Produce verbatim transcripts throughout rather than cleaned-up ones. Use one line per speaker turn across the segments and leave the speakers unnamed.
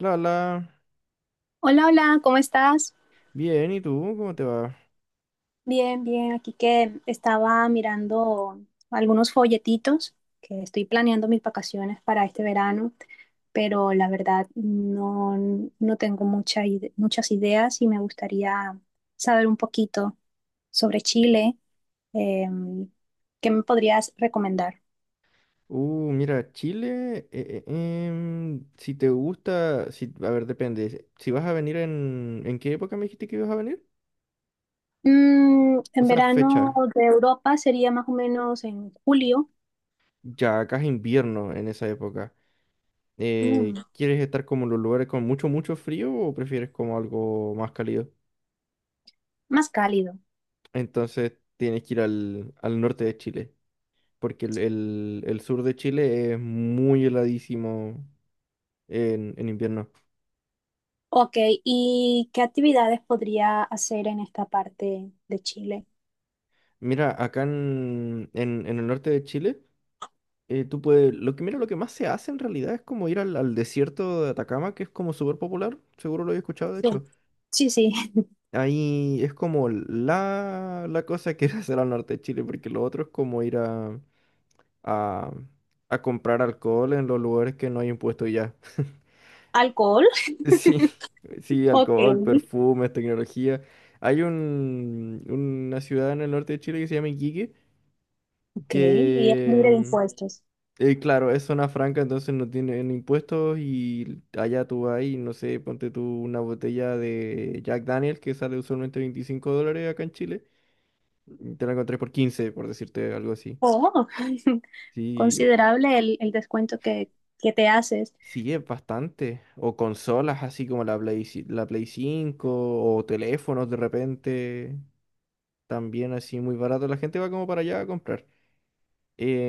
La, la.
Hola, hola, ¿cómo estás?
Bien, ¿y tú? ¿Cómo te va?
Bien, bien, aquí que estaba mirando algunos folletitos que estoy planeando mis vacaciones para este verano, pero la verdad no, no tengo mucha ide- muchas ideas y me gustaría saber un poquito sobre Chile. Em, ¿qué me podrías recomendar?
Uh, mira, Chile, eh, eh, em, si te gusta, si, a ver, depende. Si vas a venir en, ¿en qué época me dijiste que ibas a venir?
Mm,
O
en
sea,
verano
fecha.
de Europa sería más o menos en julio.
Ya, acá es invierno en esa época.
Mm,
Eh, ¿quieres estar como en los lugares con mucho, mucho frío o prefieres como algo más cálido?
más cálido.
Entonces tienes que ir al, al norte de Chile, porque el, el- el sur de Chile es muy heladísimo en en invierno.
Ok, ¿y qué actividades podría hacer en esta parte de Chile?
Mira, acá en, en, en el norte de Chile, eh, tú puedes, lo que, mira, lo que más se hace en realidad es como ir al, al desierto de Atacama, que es como súper popular, seguro lo he escuchado, de
Sí,
hecho.
sí, sí.
Ahí es como la, la cosa que hacer al norte de Chile, porque lo otro es como ir a, a, a comprar alcohol en los lugares que no hay impuesto ya.
Alcohol.
Sí, sí,
Ok,
alcohol, perfumes, tecnología. Hay un, una ciudad en el norte de Chile que se llama Iquique,
ok, y es libre de
que
impuestos.
Eh, claro, es zona franca, entonces no tienen impuestos y allá tú vas y no sé, ponte tú una botella de Jack Daniel que sale usualmente veinticinco dólares acá en Chile y te la encontré por quince, por decirte algo así.
Oh,
Sí, o-
considerable el, el descuento que, que te haces.
sí, es bastante. O consolas así como la Play, ci- la Play cinco o teléfonos de repente. También así muy barato. La gente va como para allá a comprar.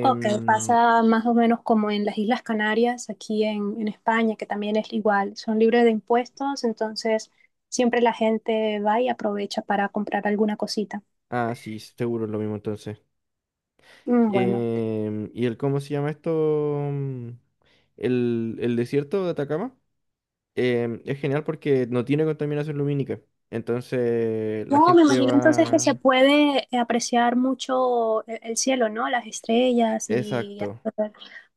Ok, pasa más o menos como en las Islas Canarias, aquí en, en España, que también es igual, son libres de impuestos, entonces siempre la gente va y aprovecha para comprar alguna cosita.
ah, sí, seguro es lo mismo entonces.
Mm. Bueno.
Em, y el, ¿cómo se llama esto? Mm, El, el desierto de Atacama em, es genial porque no tiene contaminación lumínica. Entonces la
Wow, me
gente
imagino entonces que se
va...
puede eh, apreciar mucho el, el cielo, ¿no? Las estrellas y...
Exacto,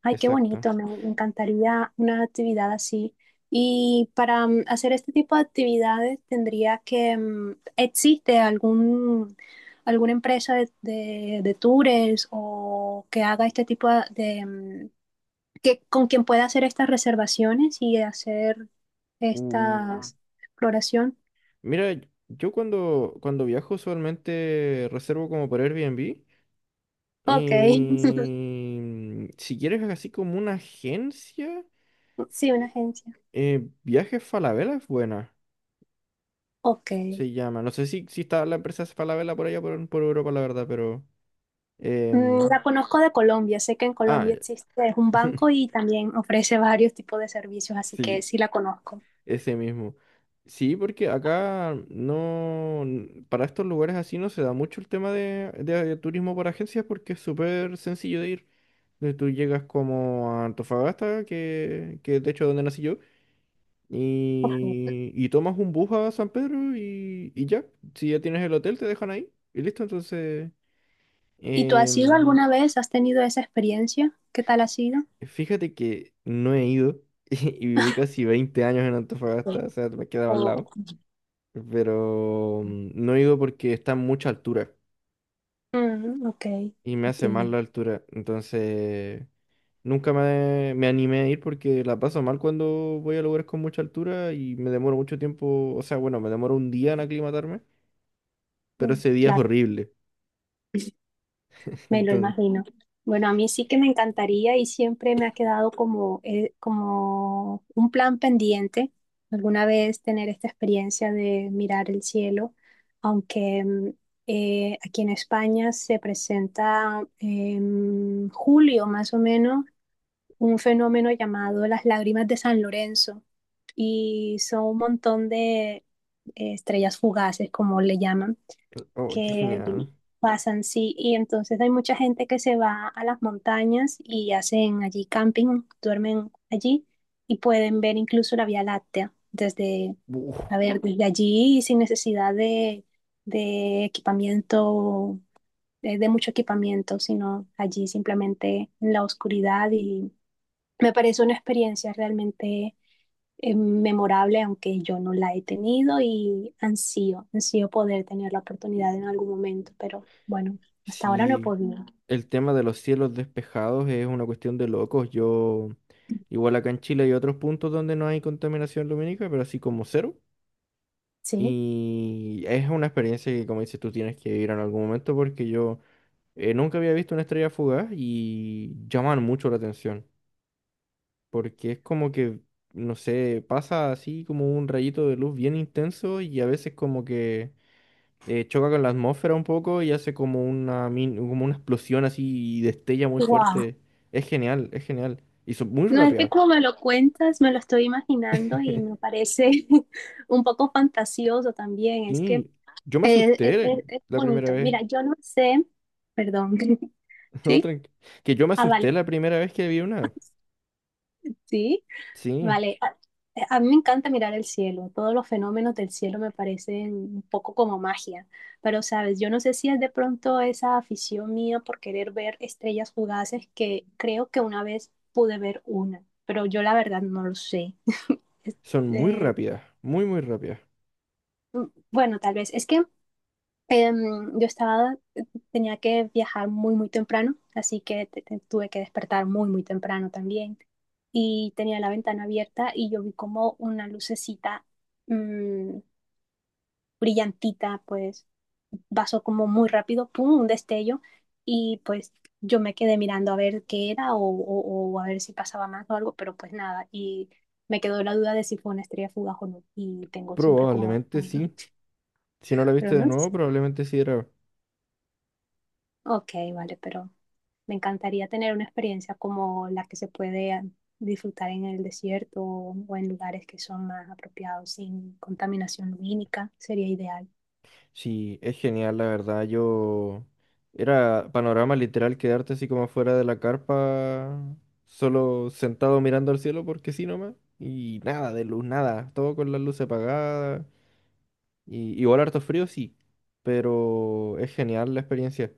Ay, qué
exacto.
bonito, me, me encantaría una actividad así. Y para mm, hacer este tipo de actividades tendría que... mm, ¿Existe algún, alguna empresa de, de, de tours o que haga este tipo de... mm, que, con quien pueda hacer estas reservaciones y hacer esta
Uh,
exploración?
mira, yo cuando, cuando viajo usualmente reservo como por Airbnb.
Ok,
Y mm, si quieres así como una agencia,
sí, una agencia.
eh, Viajes Falabella es buena
Ok.
se llama. No sé si, si está la empresa Falabella por allá, por, por Europa, la verdad, pero...
Mm,
em,
la conozco de Colombia. Sé que en
ah,
Colombia
ya.
existe es un banco y también ofrece varios tipos de servicios, así que
Sí,
sí la conozco.
ese mismo. Sí, porque acá no... n- para estos lugares así no se da mucho el tema de, de de turismo por agencias porque es súper sencillo de ir. Eh, Tú llegas como a Antofagasta, que, que de hecho es donde nací yo, y, y tomas un bus a San Pedro y, y ya. Si ya tienes el hotel, te dejan ahí y listo. Entonces,
¿Y tú has ido
em,
alguna vez? ¿Has tenido esa experiencia? ¿Qué tal ha sido?
Fíjate que no he ido y viví casi veinte años en
Sí.
Antofagasta, o sea, me quedaba al
O-
lado, pero mm, no he ido porque está a mucha altura
Mm, ok,
y me hace mal
entiendo.
la altura, entonces nunca me, me animé a ir porque la paso mal cuando voy a lugares con mucha altura y me demoro mucho tiempo, o sea, bueno, me demoro un día en aclimatarme, pero
Mm,
ese día es
claro.
horrible.
Me lo
Entonces,
imagino. Bueno, a mí sí que me encantaría y siempre me ha quedado como, eh, como un plan pendiente alguna vez tener esta experiencia de mirar el cielo, aunque mm, eh, aquí en España se presenta en julio más o menos un fenómeno llamado las lágrimas de San Lorenzo y son un montón de eh, estrellas fugaces, como le llaman,
oh, qué
que
genial.
pasan, sí, y entonces hay mucha gente que se va a las montañas y hacen allí camping, duermen allí y pueden ver incluso la Vía Láctea desde, a
Uf.
ver, desde allí y sin necesidad de, de equipamiento, de, de mucho equipamiento, sino allí simplemente en la oscuridad y me parece una experiencia realmente eh, memorable, aunque yo no la he tenido y ansío, ansío poder tener la oportunidad en algún momento, pero bueno, hasta ahora no he
Sí,
podido.
el tema de los cielos despejados es una cuestión de locos. Yo, igual acá en Chile hay otros puntos donde no hay contaminación lumínica, pero así como cero.
Sí,
Y es una experiencia que, como dices, tú tienes que ir en algún momento porque yo eh, nunca había visto una estrella fugaz y llaman mucho la atención. Porque es como que, no sé, pasa así como un rayito de luz bien intenso y a veces como que eh, choca con la atmósfera un poco y hace como una, min- como una explosión así y destella muy
wow.
fuerte. Es genial, es genial. Y son muy
No es que
rápidas.
como me lo cuentas, me lo estoy imaginando y me parece un poco fantasioso también. Es que
Sí, yo me
es, es-
asusté
es- es
la primera
bonito.
vez.
Mira, yo no sé, perdón,
No,
¿sí?
tranqui- que yo me
Ah,
asusté
vale,
la primera vez que vi una.
sí.
Sí,
Vale, a, eh, a mí me encanta mirar el cielo, todos los fenómenos del cielo me parecen un poco como magia, pero sabes, yo no sé si es de pronto esa afición mía por querer ver estrellas fugaces que creo que una vez pude ver una, pero yo la verdad no lo sé.
son muy
Eh,
rápidas, muy, muy rápidas.
mm, bueno, tal vez es que Em, yo estaba, tenía que viajar muy, muy temprano, así que te- te- tuve que despertar muy, muy temprano también. Y tenía la ventana abierta y yo vi como una lucecita mm, brillantita, pues pasó como muy rápido, pum, un destello. Y pues yo me quedé mirando a ver qué era o, o- o a ver si pasaba más o algo, pero pues nada. Y me quedó la duda de si fue una estrella fugaz o no. Y tengo siempre como,
Probablemente sí. Si no la
pero
viste de
no.
nuevo, probablemente sí era.
Ok, vale, pero me encantaría tener una experiencia como la que se puede disfrutar en el desierto o en lugares que son más apropiados sin contaminación lumínica, sería ideal.
Sí, es genial, la verdad. Yo era panorama literal quedarte así como fuera de la carpa, solo sentado mirando al cielo porque sí nomás. Y nada de luz, nada. Todo con las luces apagadas. Y igual harto frío, sí. Pero es genial la experiencia.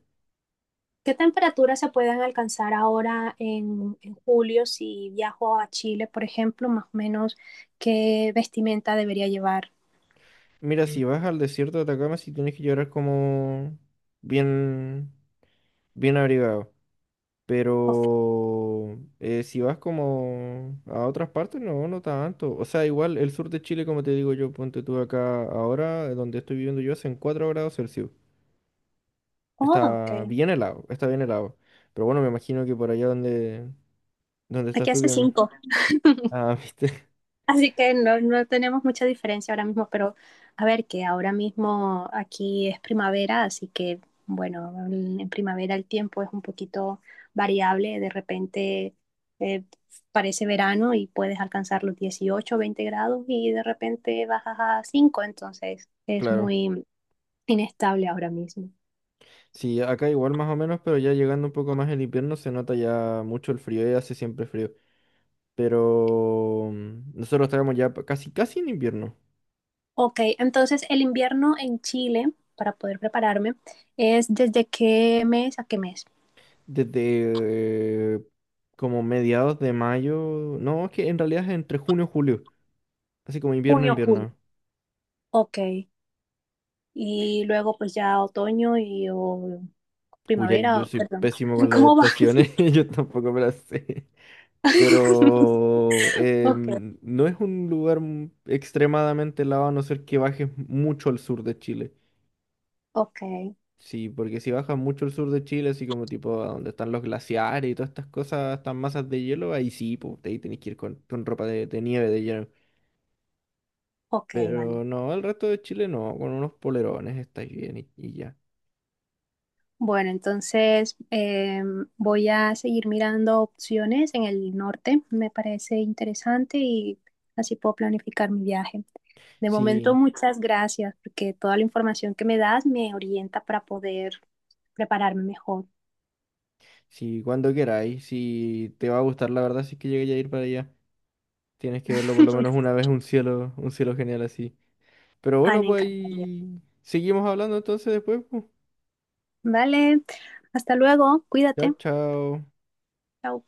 ¿Qué temperaturas se pueden alcanzar ahora en, en julio si viajo a Chile, por ejemplo? Más o menos, ¿qué vestimenta debería llevar?
Mira, si vas al desierto de Atacama, sí tienes que llorar como bien, bien abrigado.
Ok.
Pero eh, si vas como a otras partes, no, no tanto. O sea, igual el sur de Chile, como te digo yo, ponte tú acá ahora, eh, donde estoy viviendo yo, hacen cuatro grados Celsius.
Oh,
Está
ok.
bien helado, está bien helado. Pero bueno, me imagino que por allá donde, donde estás
Aquí
tú
hace
que...
cinco.
Ah, viste,
Así que no, no tenemos mucha diferencia ahora mismo, pero a ver que ahora mismo aquí es primavera, así que bueno, en en primavera el tiempo es un poquito variable, de repente eh, parece verano y puedes alcanzar los dieciocho, veinte grados y de repente bajas a cinco, entonces es
claro.
muy inestable ahora mismo.
Sí, acá igual más o menos, pero ya llegando un poco más el invierno se nota ya mucho el frío y hace siempre frío. Pero mm, nosotros estábamos ya pa- casi, casi en invierno.
Ok, entonces el invierno en Chile, para poder prepararme, ¿es desde qué mes a qué mes?
Desde eh, como mediados de mayo. No, es que en realidad es entre junio y julio. Así como invierno,
Junio, julio.
invierno.
Ok. Y luego pues ya otoño y o
Uy, ahí
primavera,
yo
o-
soy
perdón.
pésimo con las
¿Cómo va?
estaciones. Yo tampoco me las sé. Pero
Ok,
em, no es un lugar m- extremadamente helado a no ser que bajes mucho al sur de Chile.
ok,
Sí, porque si bajas mucho al sur de Chile, así como tipo a donde están los glaciares y todas estas cosas, estas masas de hielo, ahí sí, pues ahí tenés que ir con, con ropa de, de nieve, de hielo.
ok, vale.
Pero no, el resto de Chile no, con unos polerones estáis bien y, y ya.
Bueno, entonces em, voy a seguir mirando opciones en el norte. Me parece interesante y así puedo planificar mi viaje. De momento,
Sí,
muchas gracias porque toda la información que me das me orienta para poder prepararme mejor.
sí, cuando queráis, si te va a gustar, la verdad, si es que llegué a ir para allá, tienes que verlo por lo menos una vez, un cielo, un cielo genial así. Pero
Ay,
bueno,
me
pues
encantaría.
ahí seguimos hablando entonces después, pues.
Vale, hasta luego,
Chao,
cuídate.
chao.
Chao.